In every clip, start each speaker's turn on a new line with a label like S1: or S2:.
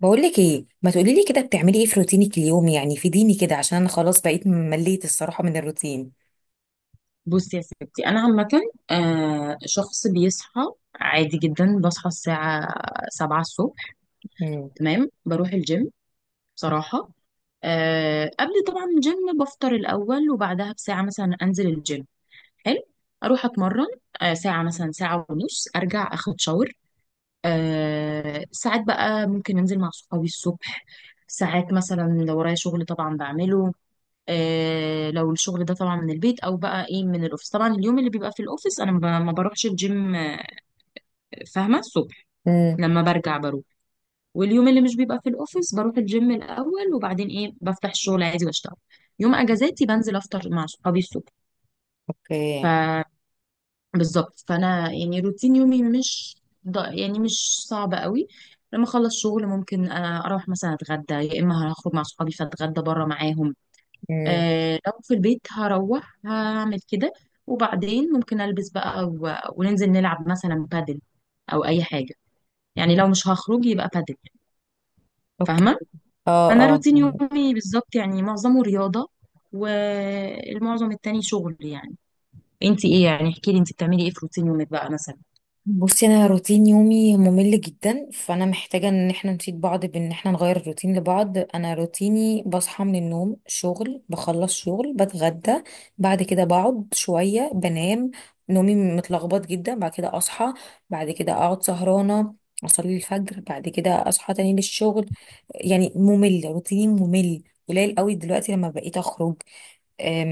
S1: بقول لك ايه؟ ما تقولي لي كده بتعملي ايه في روتينك اليومي، يعني فيديني كده عشان انا خلاص بقيت مليت الصراحة من الروتين.
S2: بصي يا ستي انا عامه. شخص بيصحى عادي جدا، بصحى الساعه 7 الصبح.
S1: امم.
S2: تمام، بروح الجيم بصراحه. قبل طبعا الجيم بفطر الاول، وبعدها بساعه مثلا انزل الجيم. حلو، اروح اتمرن. ساعه مثلا ساعه ونص ارجع اخد شاور. ساعات بقى ممكن انزل مع صحابي الصبح. ساعات مثلا لو ورايا شغل طبعا بعمله. لو الشغل ده طبعا من البيت او بقى ايه من الاوفيس، طبعا اليوم اللي بيبقى في الاوفيس انا ما بروحش الجيم فاهمه الصبح،
S1: امم.
S2: لما برجع بروح. واليوم اللي مش بيبقى في الاوفيس بروح الجيم الاول وبعدين ايه بفتح الشغل عادي واشتغل. يوم اجازاتي بنزل افطر مع صحابي الصبح.
S1: اوكي.
S2: فبالظبط فانا يعني روتين يومي مش يعني مش صعب قوي. لما اخلص شغل ممكن اروح مثلا اتغدى، يا اما هخرج مع صحابي فاتغدى بره معاهم.
S1: امم.
S2: آه، لو في البيت هروح هعمل كده. وبعدين ممكن البس بقى وننزل نلعب مثلا بادل او اي حاجه. يعني لو مش هخرج يبقى بادل،
S1: اوكي.
S2: فاهمه؟
S1: اه.
S2: انا
S1: اه.
S2: روتين يومي بالظبط يعني معظمه رياضه، والمعظم التاني شغل يعني. انت ايه يعني؟ احكي لي انت بتعملي ايه في روتين يومك بقى مثلا.
S1: بصي، انا روتين يومي ممل جدا، فانا محتاجه ان احنا نفيد بعض بان احنا نغير الروتين لبعض. انا روتيني بصحى من النوم، شغل، بخلص شغل، بتغدى، بعد كده بقعد شويه بنام. نومي متلخبط جدا، بعد كده اصحى، بعد كده اقعد سهرانه، اصلي الفجر، بعد كده اصحى تاني للشغل. يعني ممل، روتيني ممل. قليل قوي دلوقتي لما بقيت اخرج. أم،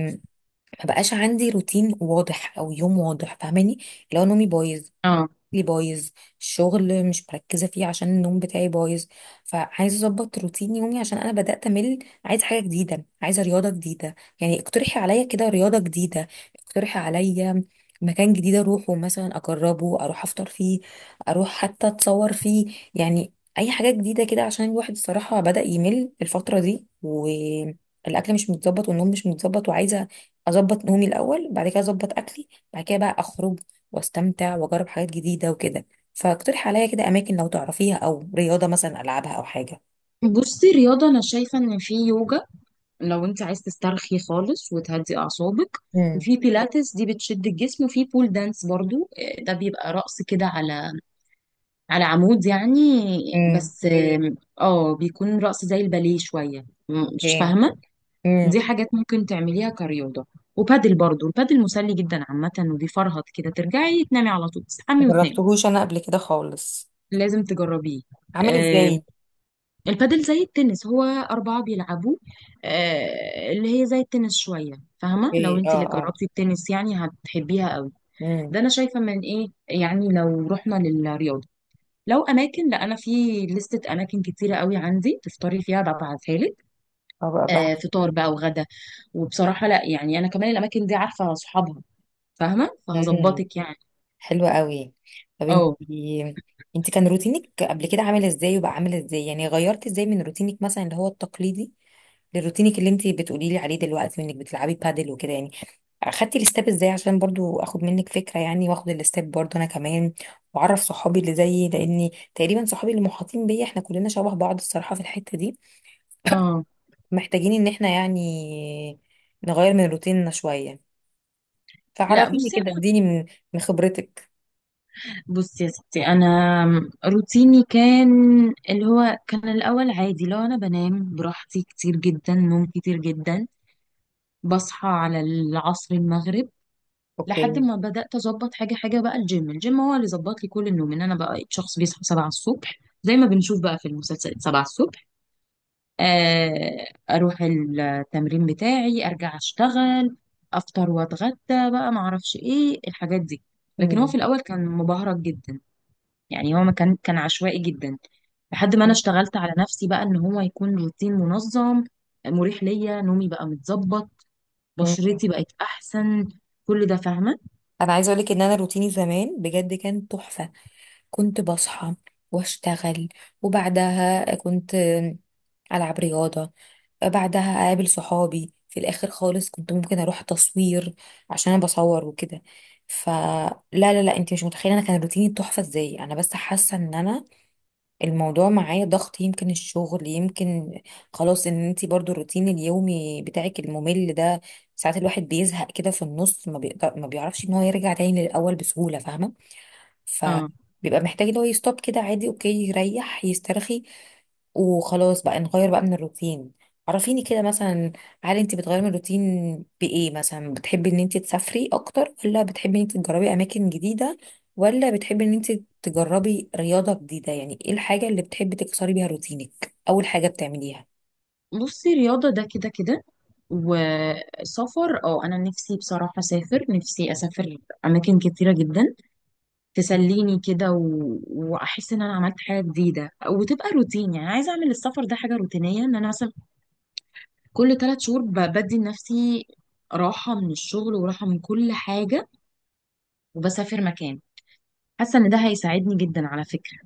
S1: ما بقاش عندي روتين واضح او يوم واضح، فاهماني؟ لو نومي بايظ
S2: اه،
S1: لي بايظ، الشغل مش مركزه فيه عشان النوم بتاعي بايظ. فعايزه اظبط روتين يومي عشان انا بدات امل. عايزه حاجه جديده، عايزه رياضه جديده. يعني اقترحي عليا كده رياضه جديده، اقترحي عليا مكان جديد اروحه مثلا، اجربه، اروح افطر فيه، اروح حتى اتصور فيه، يعني اي حاجه جديده كده عشان الواحد الصراحه بدا يمل الفتره دي، والاكل مش متظبط والنوم مش متظبط. وعايزه اظبط نومي الاول، بعد كده اظبط اكلي، بعد كده بقى اخرج واستمتع واجرب حاجات جديده وكده. فاقترحي عليا كده اماكن لو تعرفيها، او رياضه مثلا العبها او حاجه.
S2: بصي، رياضه انا شايفه ان في يوجا لو انت عايز تسترخي خالص وتهدي اعصابك،
S1: امم.
S2: وفي بيلاتس دي بتشد الجسم، وفي بول دانس برضو. ده بيبقى رقص كده على على عمود يعني.
S1: امم.
S2: بس اوكي، آم، اه بيكون رقص زي الباليه شوية مش
S1: اوكي.
S2: فاهمة.
S1: امم.
S2: دي حاجات ممكن تعمليها كرياضة. وبادل برضو، البادل مسلي جدا عامة، وبيفرهط كده ترجعي تنامي على طول، تصحي وتنامي.
S1: جربتهوش انا قبل كده خالص.
S2: لازم تجربيه.
S1: عامل
S2: آم،
S1: ازاي؟
S2: البادل زي التنس، هو أربعة بيلعبوه. اللي هي زي التنس شوية. فاهمة؟ لو
S1: اوكي.
S2: انت
S1: اه.
S2: اللي
S1: اه.
S2: جربتي التنس يعني هتحبيها قوي.
S1: امم.
S2: ده أنا شايفة من ايه يعني. لو رحنا للرياضة، لو اماكن، لا انا في لستة اماكن كتيرة قوي عندي تفطري فيها ببعتها لك.
S1: اه، بقى بقى.
S2: آه، فطار بقى وغدا. وبصراحة لا يعني انا كمان الاماكن دي عارفة اصحابها، فاهمة؟
S1: امم.
S2: فهظبطك يعني.
S1: حلوة قوي. طب انت،
S2: اه
S1: انت كان روتينك قبل كده عامل ازاي وبقى عامل ازاي؟ يعني غيرت ازاي من روتينك مثلا اللي هو التقليدي، لروتينك اللي انت بتقولي لي عليه دلوقتي وانك بتلعبي بادل وكده يعني؟ اخدتي الاستاب ازاي عشان برضو اخد منك فكره، يعني واخد الاستاب برضو انا كمان، واعرف صحابي اللي زيي، لاني تقريبا صحابي اللي محاطين بيا احنا كلنا شبه بعض الصراحه في الحته دي.
S2: اه.
S1: محتاجين ان احنا يعني نغير من روتيننا شويه.
S2: لا
S1: فعرفيني
S2: بصي
S1: كده،
S2: أنا-
S1: اديني من خبرتك.
S2: بصي يا ستي، انا روتيني كان اللي هو كان الاول عادي، لو انا بنام براحتي كتير جدا، نوم كتير جدا، بصحى على العصر المغرب. لحد
S1: اوكي.
S2: ما بدأت أظبط حاجة حاجة بقى، الجيم هو اللي ظبط لي كل النوم، إن أنا بقى شخص بيصحى سبعة الصبح، زي ما بنشوف بقى في المسلسلات، سبعة الصبح. أروح التمرين بتاعي أرجع أشتغل، أفطر وأتغدى بقى، معرفش إيه الحاجات دي. لكن هو في
S1: مم.
S2: الأول كان مبهرج جدا، يعني هو ما كان عشوائي جدا، لحد ما أنا اشتغلت على نفسي بقى إن هو يكون روتين منظم، مريح ليا، نومي بقى متظبط،
S1: مم.
S2: بشرتي بقت أحسن، كل ده فاهمة.
S1: انا عايزه اقول لك ان انا روتيني زمان بجد كان تحفه. كنت بصحى واشتغل، وبعدها كنت العب رياضه، بعدها اقابل صحابي، في الاخر خالص كنت ممكن اروح تصوير عشان انا بصور وكده. فلا لا لا لا، انت مش متخيله انا كان روتيني تحفه ازاي. انا بس حاسه ان انا الموضوع معايا ضغط، يمكن الشغل، يمكن خلاص ان انت برضو الروتين اليومي بتاعك الممل ده. ساعات الواحد بيزهق كده في النص، ما بيقدر، ما بيعرفش ان هو يرجع تاني للاول بسهوله، فاهمه؟ ف
S2: آه.
S1: بيبقى محتاج ان هو يستوب كده عادي، اوكي، يريح يسترخي، وخلاص بقى نغير بقى من الروتين. عرفيني كده مثلا، هل انت بتغيري من الروتين بايه مثلا؟ بتحبي ان انت تسافري اكتر، ولا بتحبي ان انت تجربي اماكن جديدة، ولا بتحبي ان انت تجربي رياضة جديدة؟ يعني ايه الحاجة اللي بتحبي تكسري بيها روتينك، اول حاجة بتعمليها؟
S2: بصي، رياضة ده كده كده. وسفر، اه انا نفسي بصراحة اسافر، نفسي اسافر اماكن كتيرة جدا، تسليني كده واحس ان انا عملت حاجة جديدة، وتبقى روتين يعني. عايزة اعمل السفر ده حاجة روتينية، ان انا مثلا كل ثلاث شهور بدي لنفسي راحة من الشغل وراحة من كل حاجة، وبسافر مكان. حاسة ان ده هيساعدني جدا على فكرة،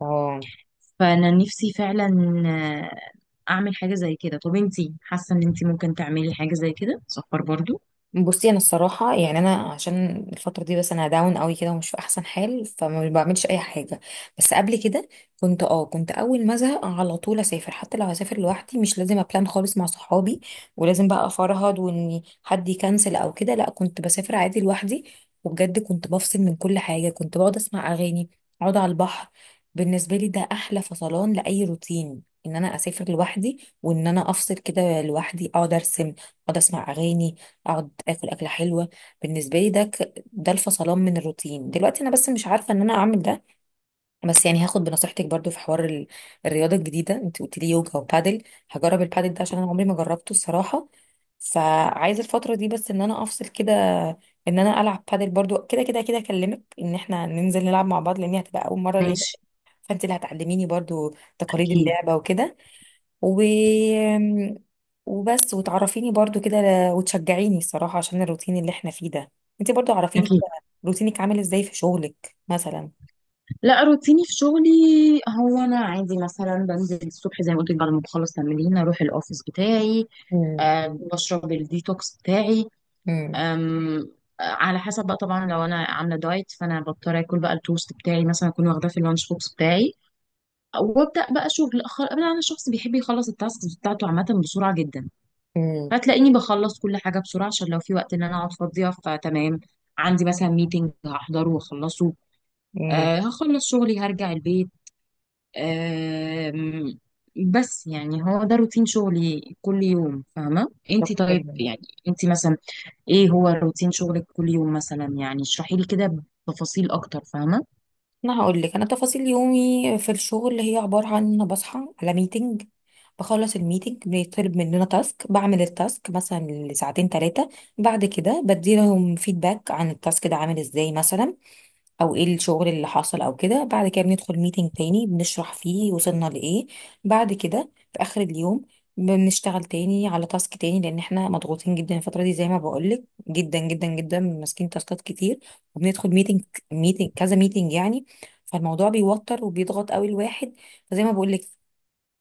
S1: اه.
S2: فانا نفسي فعلا اعمل حاجة زي كده. طب انتي حاسة ان انتي ممكن تعملي حاجة زي كده، سفر برضو؟
S1: بصي انا الصراحه يعني انا عشان الفتره دي بس انا داون قوي كده ومش في احسن حال فما بعملش اي حاجه. بس قبل كده كنت، اه كنت اول ما ازهق على طول اسافر، حتى لو هسافر لوحدي، مش لازم ابلان خالص مع صحابي، ولازم بقى افرهد وان حد يكنسل او كده. لا، كنت بسافر عادي لوحدي، وبجد كنت بفصل من كل حاجه، كنت بقعد اسمع اغاني، اقعد على البحر. بالنسبه لي ده احلى فصلان لاي روتين، ان انا اسافر لوحدي وان انا افصل كده لوحدي، اقعد ارسم، اقعد اسمع اغاني، اقعد اكل اكله حلوه. بالنسبه لي ده ده الفصلان من الروتين. دلوقتي انا بس مش عارفه ان انا اعمل ده. بس يعني هاخد بنصيحتك برضو في حوار الرياضه الجديده، انت قلت لي يوجا وبادل. هجرب البادل ده عشان انا عمري ما جربته الصراحه. فعايزه الفتره دي بس ان انا افصل كده، ان انا العب بادل برضو، كده كده كده اكلمك ان احنا ننزل نلعب مع بعض، لان هي هتبقى اول مره ليا.
S2: ماشي.
S1: فانت اللي هتعلميني برضو تقاليد
S2: اكيد.
S1: اللعبه وكده، و وبس، وتعرفيني برضو كده وتشجعيني الصراحة عشان الروتين اللي احنا فيه ده. انت برضو عرفيني
S2: اكيد.
S1: كده روتينك عامل ازاي في شغلك مثلا.
S2: لا روتيني في شغلي هو انا عادي مثلا بنزل الصبح زي ما قلت لك، بعد ما بخلص تمرين اروح الاوفيس بتاعي.
S1: امم.
S2: أه بشرب الديتوكس بتاعي.
S1: امم.
S2: أم، على حسب بقى طبعا، لو انا عامله دايت فانا بضطر اكل بقى التوست بتاعي مثلا، اكون واخداه في اللانش بوكس بتاعي. وابدا بقى شغل، أنا شخص بيحب يخلص التاسكس بتاعته عامه بسرعه جدا،
S1: امم.
S2: فتلاقيني بخلص كل حاجه بسرعه، عشان لو في وقت ان انا اقعد فاضيه فتمام. عندي مثلا ميتنج هحضره واخلصه.
S1: امم.
S2: آه هخلص شغلي هرجع البيت. آه بس يعني هو ده روتين شغلي كل يوم، فاهمة انتي؟
S1: اوكي.
S2: طيب يعني انتي مثلا ايه هو روتين شغلك كل يوم مثلا؟ يعني اشرحي لي كده بتفاصيل اكتر، فاهمة؟
S1: انا هقول لك، انا تفاصيل يومي في الشغل هي عبارة عن ان انا بصحى على ميتنج، بخلص الميتنج بيطلب مننا تاسك، بعمل التاسك مثلا لساعتين 3، بعد كده بديلهم فيدباك عن التاسك ده عامل ازاي مثلا، او ايه الشغل اللي حصل او كده. بعد كده بندخل ميتنج تاني بنشرح فيه وصلنا لايه. بعد كده في اخر اليوم بنشتغل تاني على تاسك تاني، لان احنا مضغوطين جدا الفتره دي زي ما بقولك، جدا جدا جدا، ماسكين تاسكات كتير. وبندخل ميتنج، ميتنج كذا، ميتنج يعني. فالموضوع بيوتر وبيضغط قوي الواحد. فزي ما بقولك،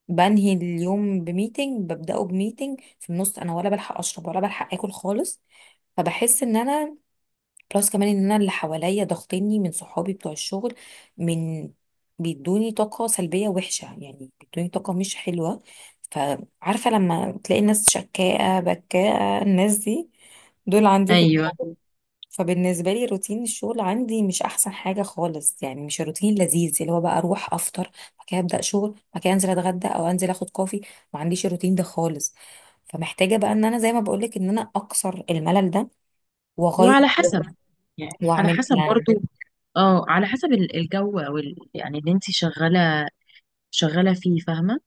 S1: بنهي اليوم بميتنج، ببداه بميتنج، في النص انا ولا بلحق اشرب ولا بلحق اكل خالص. فبحس ان انا بلس كمان ان انا اللي حواليا ضاغطيني، من صحابي بتوع الشغل، من بيدوني طاقة سلبية وحشة، يعني بيدوني طاقة مش حلوة. فعارفة لما تلاقي ناس شكاءة بكاءة، الناس دي دول عندي في
S2: ايوه.
S1: الشغل. فبالنسبة لي روتين الشغل عندي مش أحسن حاجة خالص، يعني مش روتين لذيذ اللي هو بقى أروح أفطر، بعد كده أبدأ شغل، بعد كده أنزل أتغدى أو أنزل أخد كوفي. ما عنديش الروتين ده خالص. فمحتاجة بقى إن أنا زي ما بقولك إن أنا أكسر الملل ده وأغير
S2: وعلى حسب يعني، على
S1: وأعمل
S2: حسب
S1: بلان.
S2: برضو، اه على حسب الجو او يعني اللي انتي شغالة فيه، فاهمة؟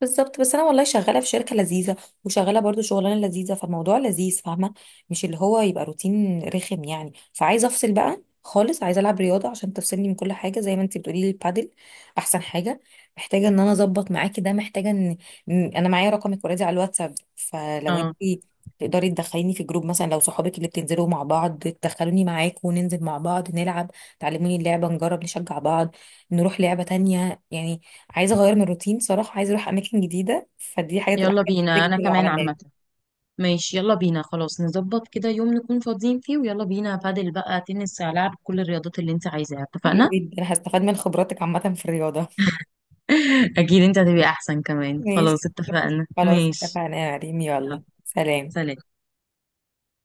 S1: بالظبط. بس انا والله شغاله في شركه لذيذه، وشغاله برضو شغلانه لذيذه، فالموضوع لذيذ، فاهمه؟ مش اللي هو يبقى روتين رخم يعني. فعايزه افصل بقى خالص، عايزه العب رياضه عشان تفصلني من كل حاجه زي ما انت بتقولي لي، البادل احسن حاجه. محتاجه ان انا اظبط معاكي ده، محتاجه ان إن- انا معايا رقمك اوريدي على الواتساب، فلو
S2: اه،
S1: انت تقدري تدخليني في جروب مثلا، لو صحابك اللي بتنزلوا مع بعض تدخلوني معاكم، وننزل مع بعض نلعب، تعلموني اللعبه، نجرب، نشجع بعض، نروح لعبه تانية يعني. عايزه اغير من الروتين صراحه، عايزه اروح اماكن جديده، فدي حاجه تبقى
S2: يلا
S1: حاجه
S2: بينا،
S1: جديدة
S2: انا
S1: جدا لو
S2: كمان
S1: عملناها.
S2: عامة، ماشي يلا بينا. خلاص نظبط كده يوم نكون فاضيين فيه، ويلا بينا بادل بقى، تنس، هلعب كل الرياضات اللي انت عايزاها.
S1: حلو
S2: اتفقنا؟
S1: جدا، هستفاد من خبراتك عامه في الرياضه.
S2: اكيد، انت هتبقى احسن كمان. خلاص
S1: ماشي.
S2: اتفقنا،
S1: خلاص
S2: ماشي،
S1: اتفقنا يا مريم، يلا
S2: يلا
S1: سلام.
S2: سلام.